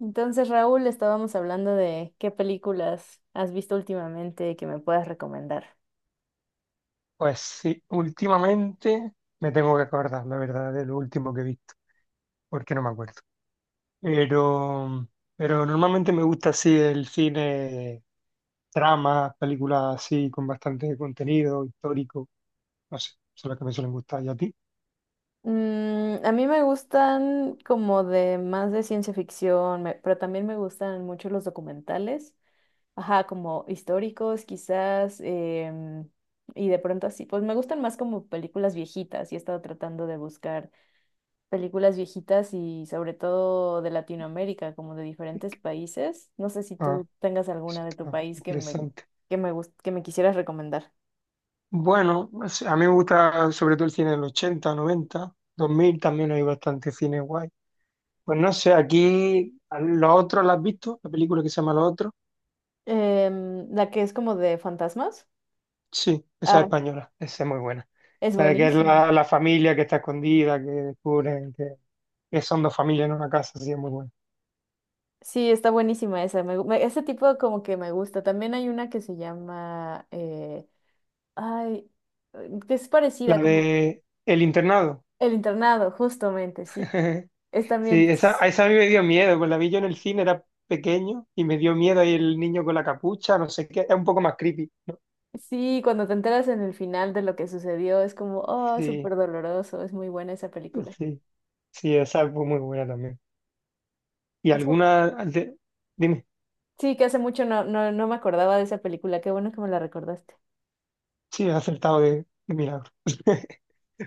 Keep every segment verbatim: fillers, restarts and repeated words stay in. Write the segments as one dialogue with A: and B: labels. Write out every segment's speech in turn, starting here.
A: Entonces, Raúl, estábamos hablando de qué películas has visto últimamente que me puedas recomendar.
B: Pues sí, últimamente me tengo que acordar, la verdad, de lo último que he visto, porque no me acuerdo. Pero, pero normalmente me gusta así el cine, tramas, películas así con bastante contenido histórico, no sé, son las que me suelen gustar. ¿Y a ti?
A: Mm, a mí me gustan como de más de ciencia ficción, me- pero también me gustan mucho los documentales, ajá, como históricos quizás, em, y de pronto así, pues me gustan más como películas viejitas y he estado tratando de buscar películas viejitas y sobre todo de Latinoamérica, como de
B: ¿Qué-
A: diferentes
B: qué?
A: países. No sé si
B: Ah,
A: tú tengas
B: eso
A: alguna de tu
B: está
A: país que me,
B: interesante.
A: que me, gust- que me quisieras recomendar.
B: Bueno, no, a mí me gusta sobre todo el cine del ochenta, noventa, dos mil, también hay bastante cine guay. Pues no sé, aquí a Los Otros, ¿la has visto? La película que se llama Los Otros.
A: Em, la que es como de fantasmas.
B: Sí, esa es
A: Ah,
B: española, esa es muy buena.
A: es
B: La de que es
A: buenísima.
B: la, la familia que está escondida, que descubren que, que son dos familias en una casa, sí, es muy buena.
A: Sí, está buenísima esa. Me gu- me- ese tipo como que me gusta. También hay una que se llama, eh, ay, eh, que es
B: La
A: parecida, como
B: de El Internado.
A: El Internado, justamente, sí. Es también.
B: Sí, esa, a esa a mí me dio miedo, pues la vi yo en el cine, era pequeño y me dio miedo ahí el niño con la capucha, no sé qué, es un poco más creepy, ¿no?
A: Sí, cuando te enteras en el final de lo que sucedió, es como, oh,
B: Sí.
A: súper doloroso, es muy buena esa película.
B: Sí, sí, esa fue muy buena también. ¿Y
A: Hace-
B: alguna? de- Dime,
A: Sí, que hace mucho no, no, no me acordaba de esa película, qué bueno que me la recordaste.
B: sí, he acertado de, de milagro.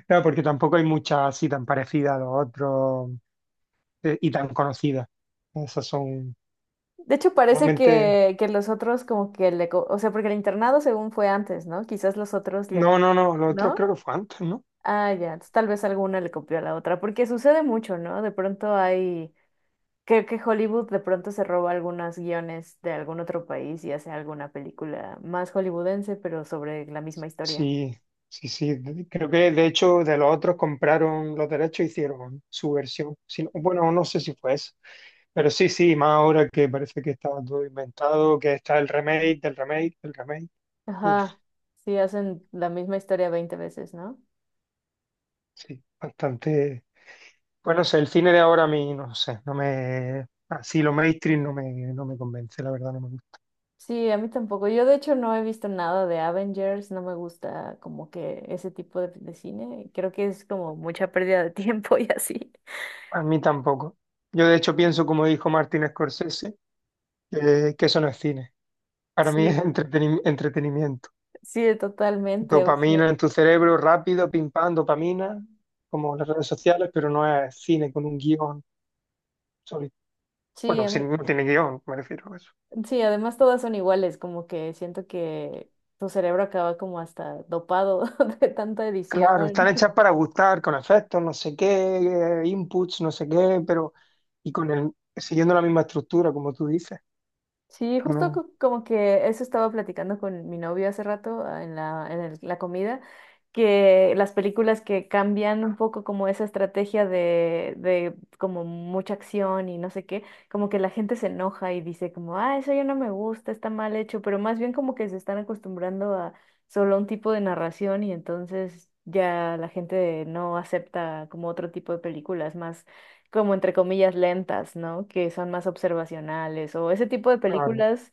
B: Claro, porque tampoco hay muchas así tan parecidas a Los Otros, eh, y tan conocidas. Esas son
A: De hecho, parece
B: normalmente.
A: que, que los otros como que le... co- o sea, porque el internado según fue antes, ¿no? Quizás los otros le...
B: No, no, no, Los Otros
A: ¿No?
B: creo que fue antes, ¿no?
A: Ah, ya, entonces tal vez alguna le copió a la otra, porque sucede mucho, ¿no? De pronto hay... Creo que Hollywood de pronto se roba algunos guiones de algún otro país y hace alguna película más hollywoodense, pero sobre la misma historia.
B: Sí, sí, sí. de- Creo que de hecho de Los Otros compraron los derechos e hicieron su versión. Si no- bueno, no sé si fue eso. Pero sí, sí, más ahora que parece que estaba todo inventado, que está el remake, del remake, del remake.
A: Ajá, sí, hacen la misma historia veinte veces, ¿no?
B: Sí, bastante. Bueno, sé, el cine de ahora a mí, no sé, no me. Así lo mainstream no me, no me convence, la verdad, no me gusta.
A: Sí, a mí tampoco. Yo de hecho no he visto nada de Avengers, no me gusta como que ese tipo de, de cine. Creo que es como mucha pérdida de tiempo y así.
B: A mí tampoco. Yo, de hecho, pienso, como dijo Martin Scorsese, que, que eso no es cine. Para mí
A: Sí,
B: es entreteni- entretenimiento.
A: sí, totalmente. O sea,
B: Dopamina en tu cerebro, rápido, pim pam, dopamina, como las redes sociales, pero no es cine con un guión sólido.
A: sí,
B: Bueno,
A: a
B: si
A: mí-
B: no tiene guión, me refiero a eso.
A: sí, además todas son iguales, como que siento que tu cerebro acaba como hasta dopado de tanta edición.
B: Claro, están hechas para gustar, con efectos, no sé qué, eh, inputs, no sé qué, pero y con el, siguiendo la misma estructura, como tú dices.
A: Sí,
B: Pero
A: justo
B: No,
A: co- como que eso estaba platicando con mi novio hace rato ah, en la, en el- la comida, que las películas que cambian un poco como esa estrategia de, de como mucha acción y no sé qué, como que la gente se enoja y dice como, ah, eso ya no me gusta, está mal hecho, pero más bien como que se están acostumbrando a solo un tipo de narración y entonces ya la gente no acepta como otro tipo de películas más como entre comillas lentas, ¿no? Que son más observacionales o ese tipo de
B: claro,
A: películas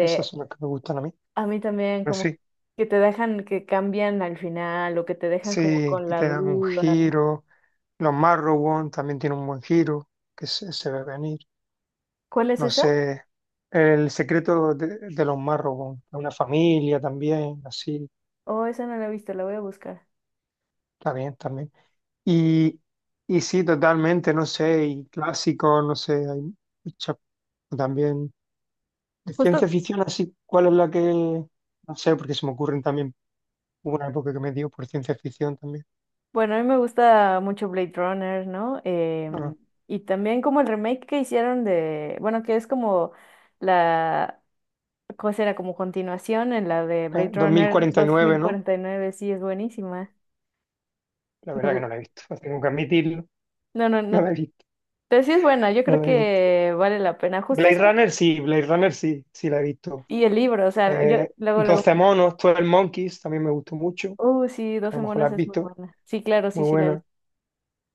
B: esas son las que me gustan a mí.
A: a mí también
B: Pero
A: como
B: sí,
A: que te dejan que cambian al final o que te dejan como
B: sí,
A: con
B: que
A: la
B: te dan un
A: duda.
B: giro. Los Marrowbone también tienen un buen giro, que se, se ve venir.
A: ¿Cuál es
B: No
A: esa?
B: sé, el secreto de, de los Marrowbone, una familia también, así,
A: Oh, esa no la he visto, la voy a buscar.
B: está bien también. Y, y sí, totalmente, no sé, y clásico, no sé, hay muchas también. De
A: Justo,
B: ciencia ficción, así, ¿cuál es la que...? No sé, porque se me ocurren también, hubo una época que me dio por ciencia ficción también.
A: bueno, a mí me gusta mucho Blade Runner, ¿no?
B: Ah,
A: Em, y también como el remake que hicieron de, bueno, que es como la, ¿cómo será? Como continuación en la de
B: eh,
A: Blade
B: dos mil
A: Runner
B: cuarenta y
A: dos
B: nueve,
A: mil
B: ¿no?
A: cuarenta y nueve. Sí, es buenísima.
B: La
A: Me,
B: verdad que
A: gu-
B: no la he visto, tengo que admitirlo,
A: No, no,
B: no la
A: no.
B: he visto,
A: Pero sí es buena, yo
B: no
A: creo
B: la he visto.
A: que vale la pena. Justo
B: Blade
A: eso.
B: Runner sí, Blade Runner sí, sí la he visto.
A: Y el libro, o sea, yo
B: Eh,
A: luego, luego,
B: doce monos, doce Monkeys, también me gustó mucho,
A: oh, sí,
B: que a
A: doce
B: lo mejor la
A: monos
B: has
A: es muy
B: visto,
A: buena. Sí, claro, sí,
B: muy
A: sí la vi.
B: buena.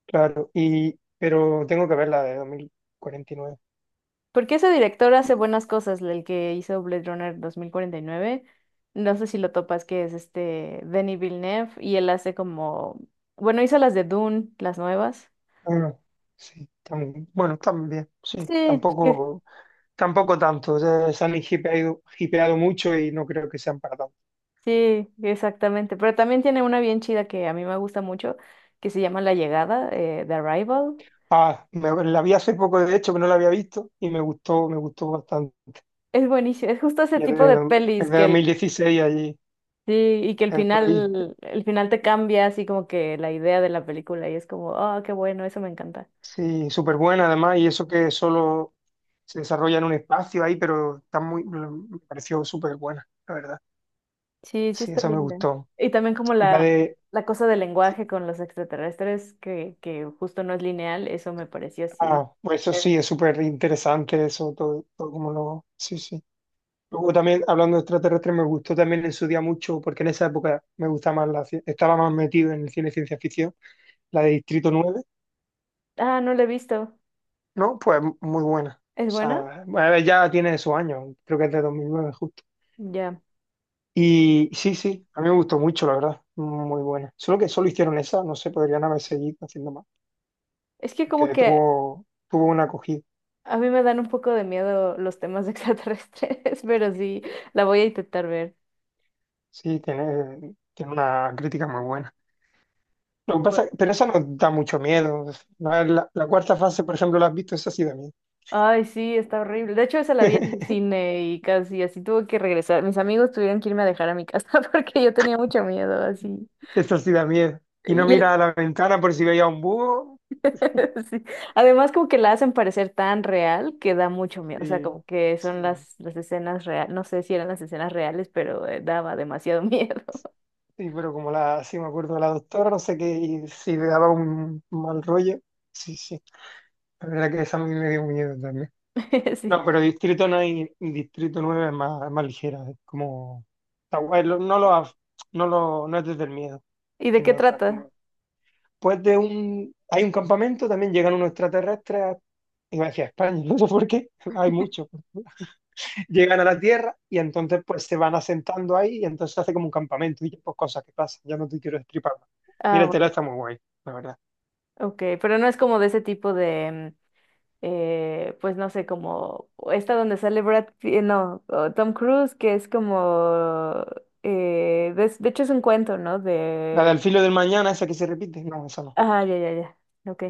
B: Claro, y pero tengo que ver la de dos mil cuarenta y nueve.
A: Porque ese director hace
B: Sí.
A: buenas cosas, el que hizo Blade Runner veinte cuarenta y nueve. No sé si lo topas, que es este Denis Villeneuve, y él hace como, bueno, hizo las de Dune, las nuevas.
B: Ah, sí, tam- bueno, también, sí,
A: Sí, sí,
B: tampoco, tampoco tanto. Ya se han hipeado, hipeado mucho y no creo que sean para tanto.
A: sí, exactamente. Pero también tiene una bien chida que a mí me gusta mucho, que se llama La Llegada, eh, The Arrival.
B: Ah, me- la vi hace poco, de hecho, que no la había visto y me gustó, me gustó bastante.
A: Es buenísimo, es justo ese
B: Y es
A: tipo de
B: de, es
A: pelis
B: de
A: que
B: dos mil
A: el,
B: dieciséis allí,
A: sí, y que el
B: es por ahí.
A: final, el final te cambia así como que la idea de la película y es como, ah qué bueno, eso me encanta.
B: Sí, súper buena además, y eso que solo se desarrolla en un espacio ahí, pero está muy, me pareció súper buena, la verdad.
A: Sí, sí
B: Sí,
A: está
B: esa me
A: linda.
B: gustó.
A: Y también como
B: La
A: la,
B: de,
A: la cosa del lenguaje con los extraterrestres, que, que justo no es lineal, eso me pareció así.
B: Ah, pues eso
A: Eh,
B: sí, es súper interesante eso, todo, todo como lo... Sí, sí. Luego también, hablando de extraterrestres, me gustó también en su día mucho, porque en esa época me gustaba más la... ci- estaba más metido en el cine de ciencia ficción, la de Distrito Nueve,
A: Ah, no la he visto.
B: ¿no? Pues muy buena. O
A: ¿Es buena?
B: sea, bueno, ya tiene sus años, creo que es de dos mil nueve justo.
A: Ya.
B: Y sí, sí, a mí me gustó mucho, la verdad, muy buena. Solo que solo hicieron esa, no sé, podrían haber seguido haciendo más,
A: Es que como
B: porque
A: que
B: tuvo, tuvo una acogida.
A: a mí me dan un poco de miedo los temas de extraterrestres, pero sí, la voy a intentar ver.
B: Sí, tiene, tiene una crítica muy buena. Lo que pasa, pero esa nos da mucho miedo. La, la- La cuarta fase, por ejemplo, ¿la has visto? Esa sí da miedo.
A: Ay, sí, está horrible. De hecho, esa la vi en el cine y casi así tuve que regresar. Mis amigos tuvieron que irme a dejar a mi casa porque yo tenía mucho miedo, así.
B: Esa sí da miedo. Y no
A: Y
B: mira
A: e-
B: a la ventana por si veía un búho.
A: sí. Además, como que la hacen parecer tan real que da mucho miedo. O sea,
B: Sí,
A: como que son
B: sí,
A: las, las escenas reales. No sé si eran las escenas reales, pero eh, daba demasiado miedo.
B: sí, pero como la, sí me acuerdo de la doctora, no sé qué, y si le daba un mal rollo. Sí, sí. La verdad que esa a mí me dio miedo también. No,
A: Sí.
B: pero Distrito no hay, Distrito Nueve es más, es más ligera, es como, está guay, lo- no lo, af- no lo, no es desde el miedo,
A: ¿Y de qué
B: tiene otra,
A: trata?
B: como después de un, hay un campamento, también llegan unos extraterrestres, a- iba a decir a España, no sé por qué, hay muchos. Llegan a la Tierra y entonces pues se van asentando ahí y entonces se hace como un campamento y pues cosas que pasan, ya no te quiero destripar más.
A: Ah,
B: Míratela,
A: bueno,
B: está muy guay, la verdad.
A: ok. Pero no es como de ese tipo de. Mm, eh, pues no sé, como esta donde sale Brad Pitt, eh, no, o Tom Cruise, que es como, eh, de, de hecho es un cuento, ¿no?
B: La
A: De,
B: del filo del mañana, esa que se repite, no, esa no.
A: ah, ya, ya, ya, ok.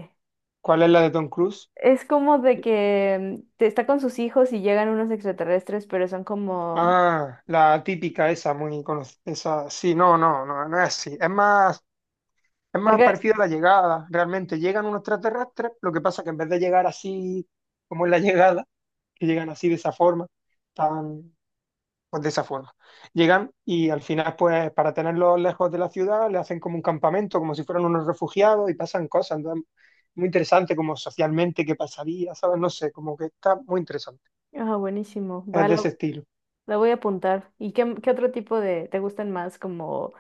B: ¿Cuál es la de Tom Cruise?
A: Es como de que mm, te- está con sus hijos y llegan unos extraterrestres, pero son como,
B: Ah, la típica esa, muy conocida, esa, sí, no, no, no, no es así, es más es
A: la
B: más
A: que-
B: parecido a La Llegada, realmente. Llegan unos extraterrestres, lo que pasa que en vez de llegar así como en la llegada, que llegan así de esa forma, tan, pues de esa forma. Llegan y al final, pues para tenerlos lejos de la ciudad, le hacen como un campamento, como si fueran unos refugiados y pasan cosas. Entonces, muy interesante, como socialmente, qué pasaría, ¿sabes? No sé, como que está muy interesante.
A: ah, buenísimo,
B: Es
A: va,
B: de ese
A: lo,
B: estilo.
A: la voy a apuntar. ¿Y qué, qué otro tipo de, te gustan más? Como,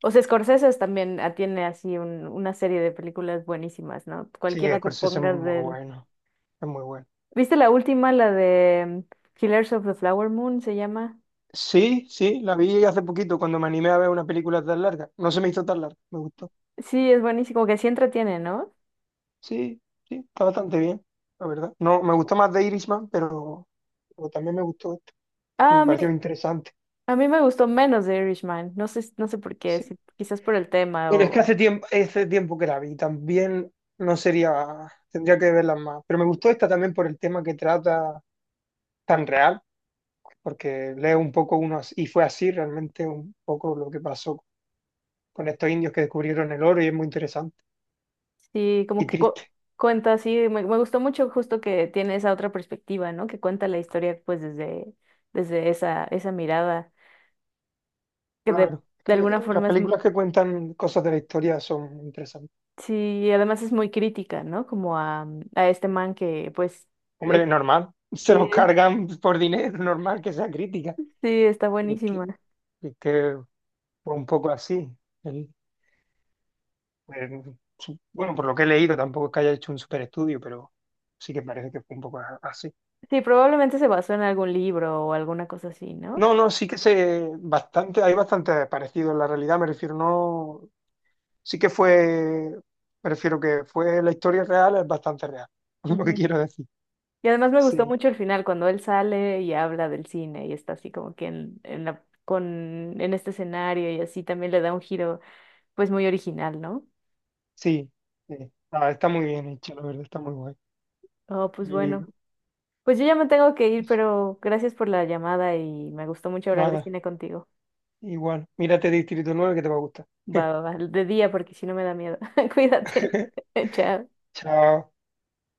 A: o sea, Scorsese también ah, tiene así un- una serie de películas buenísimas, ¿no?
B: Sí,
A: Cualquiera que
B: Scorsese es
A: pongas
B: muy
A: de él.
B: bueno, es muy bueno.
A: ¿Viste la última, la de Killers of the Flower Moon se llama?
B: Sí, sí, la vi hace poquito cuando me animé a ver una película tan larga. No se me hizo tan larga, me gustó.
A: Sí, es buenísimo, como que sí entretiene, ¿no?
B: Sí, sí, está bastante bien, la verdad. No, me gustó más de Irishman, pero, pero también me gustó esto.
A: Ah, a
B: Me
A: mí,
B: pareció interesante.
A: a mí me gustó menos de Irishman, no sé, no sé por qué,
B: Sí.
A: si- quizás por el tema
B: Bueno, es que
A: o
B: hace tiempo, hace tiempo que la vi. También no sería, tendría que verlas más. Pero me gustó esta también por el tema que trata tan real, porque leo un poco unos, y fue así realmente un poco lo que pasó con estos indios que descubrieron el oro y es muy interesante
A: sí, como
B: y
A: que cu-
B: triste.
A: cuenta, sí, me, me gustó mucho justo que tiene esa otra perspectiva, ¿no? Que cuenta la historia pues desde, desde esa, esa mirada, que de,
B: Claro.
A: de alguna
B: Eh, las
A: forma es, m-
B: películas que cuentan cosas de la historia son interesantes.
A: sí, y además es muy crítica, ¿no? Como a, a este man que pues,
B: Hombre,
A: eh,
B: normal, se
A: sí,
B: los cargan por dinero, normal que sea crítica.
A: sí, está
B: Y es que,
A: buenísima.
B: es que fue un poco así. Él, pues, su- bueno, por lo que he leído, tampoco es que haya hecho un super estudio, pero sí que parece que fue un poco a- así.
A: Sí, probablemente se basó en algún libro o alguna cosa así, ¿no?
B: No, no, sí que se bastante, hay bastante parecido en la realidad, me refiero, no, sí que fue, me refiero que fue la historia real, es bastante real, es lo que
A: Ujú.
B: quiero decir.
A: Y además me gustó
B: Sí,
A: mucho el final, cuando él sale y habla del cine y está así como que en, en la, con, en este escenario y así también le da un giro pues muy original, ¿no?
B: sí, sí. Ah, está muy bien hecho, la verdad, está muy guay.
A: Oh, pues
B: Y
A: bueno. Pues yo ya me tengo que ir, pero gracias por la llamada y me gustó mucho hablar de
B: nada.
A: cine contigo.
B: Igual, mírate Distrito nueve, que te va a gustar.
A: Va, va, va, de día porque si no me da miedo. Cuídate. Chao.
B: Chao.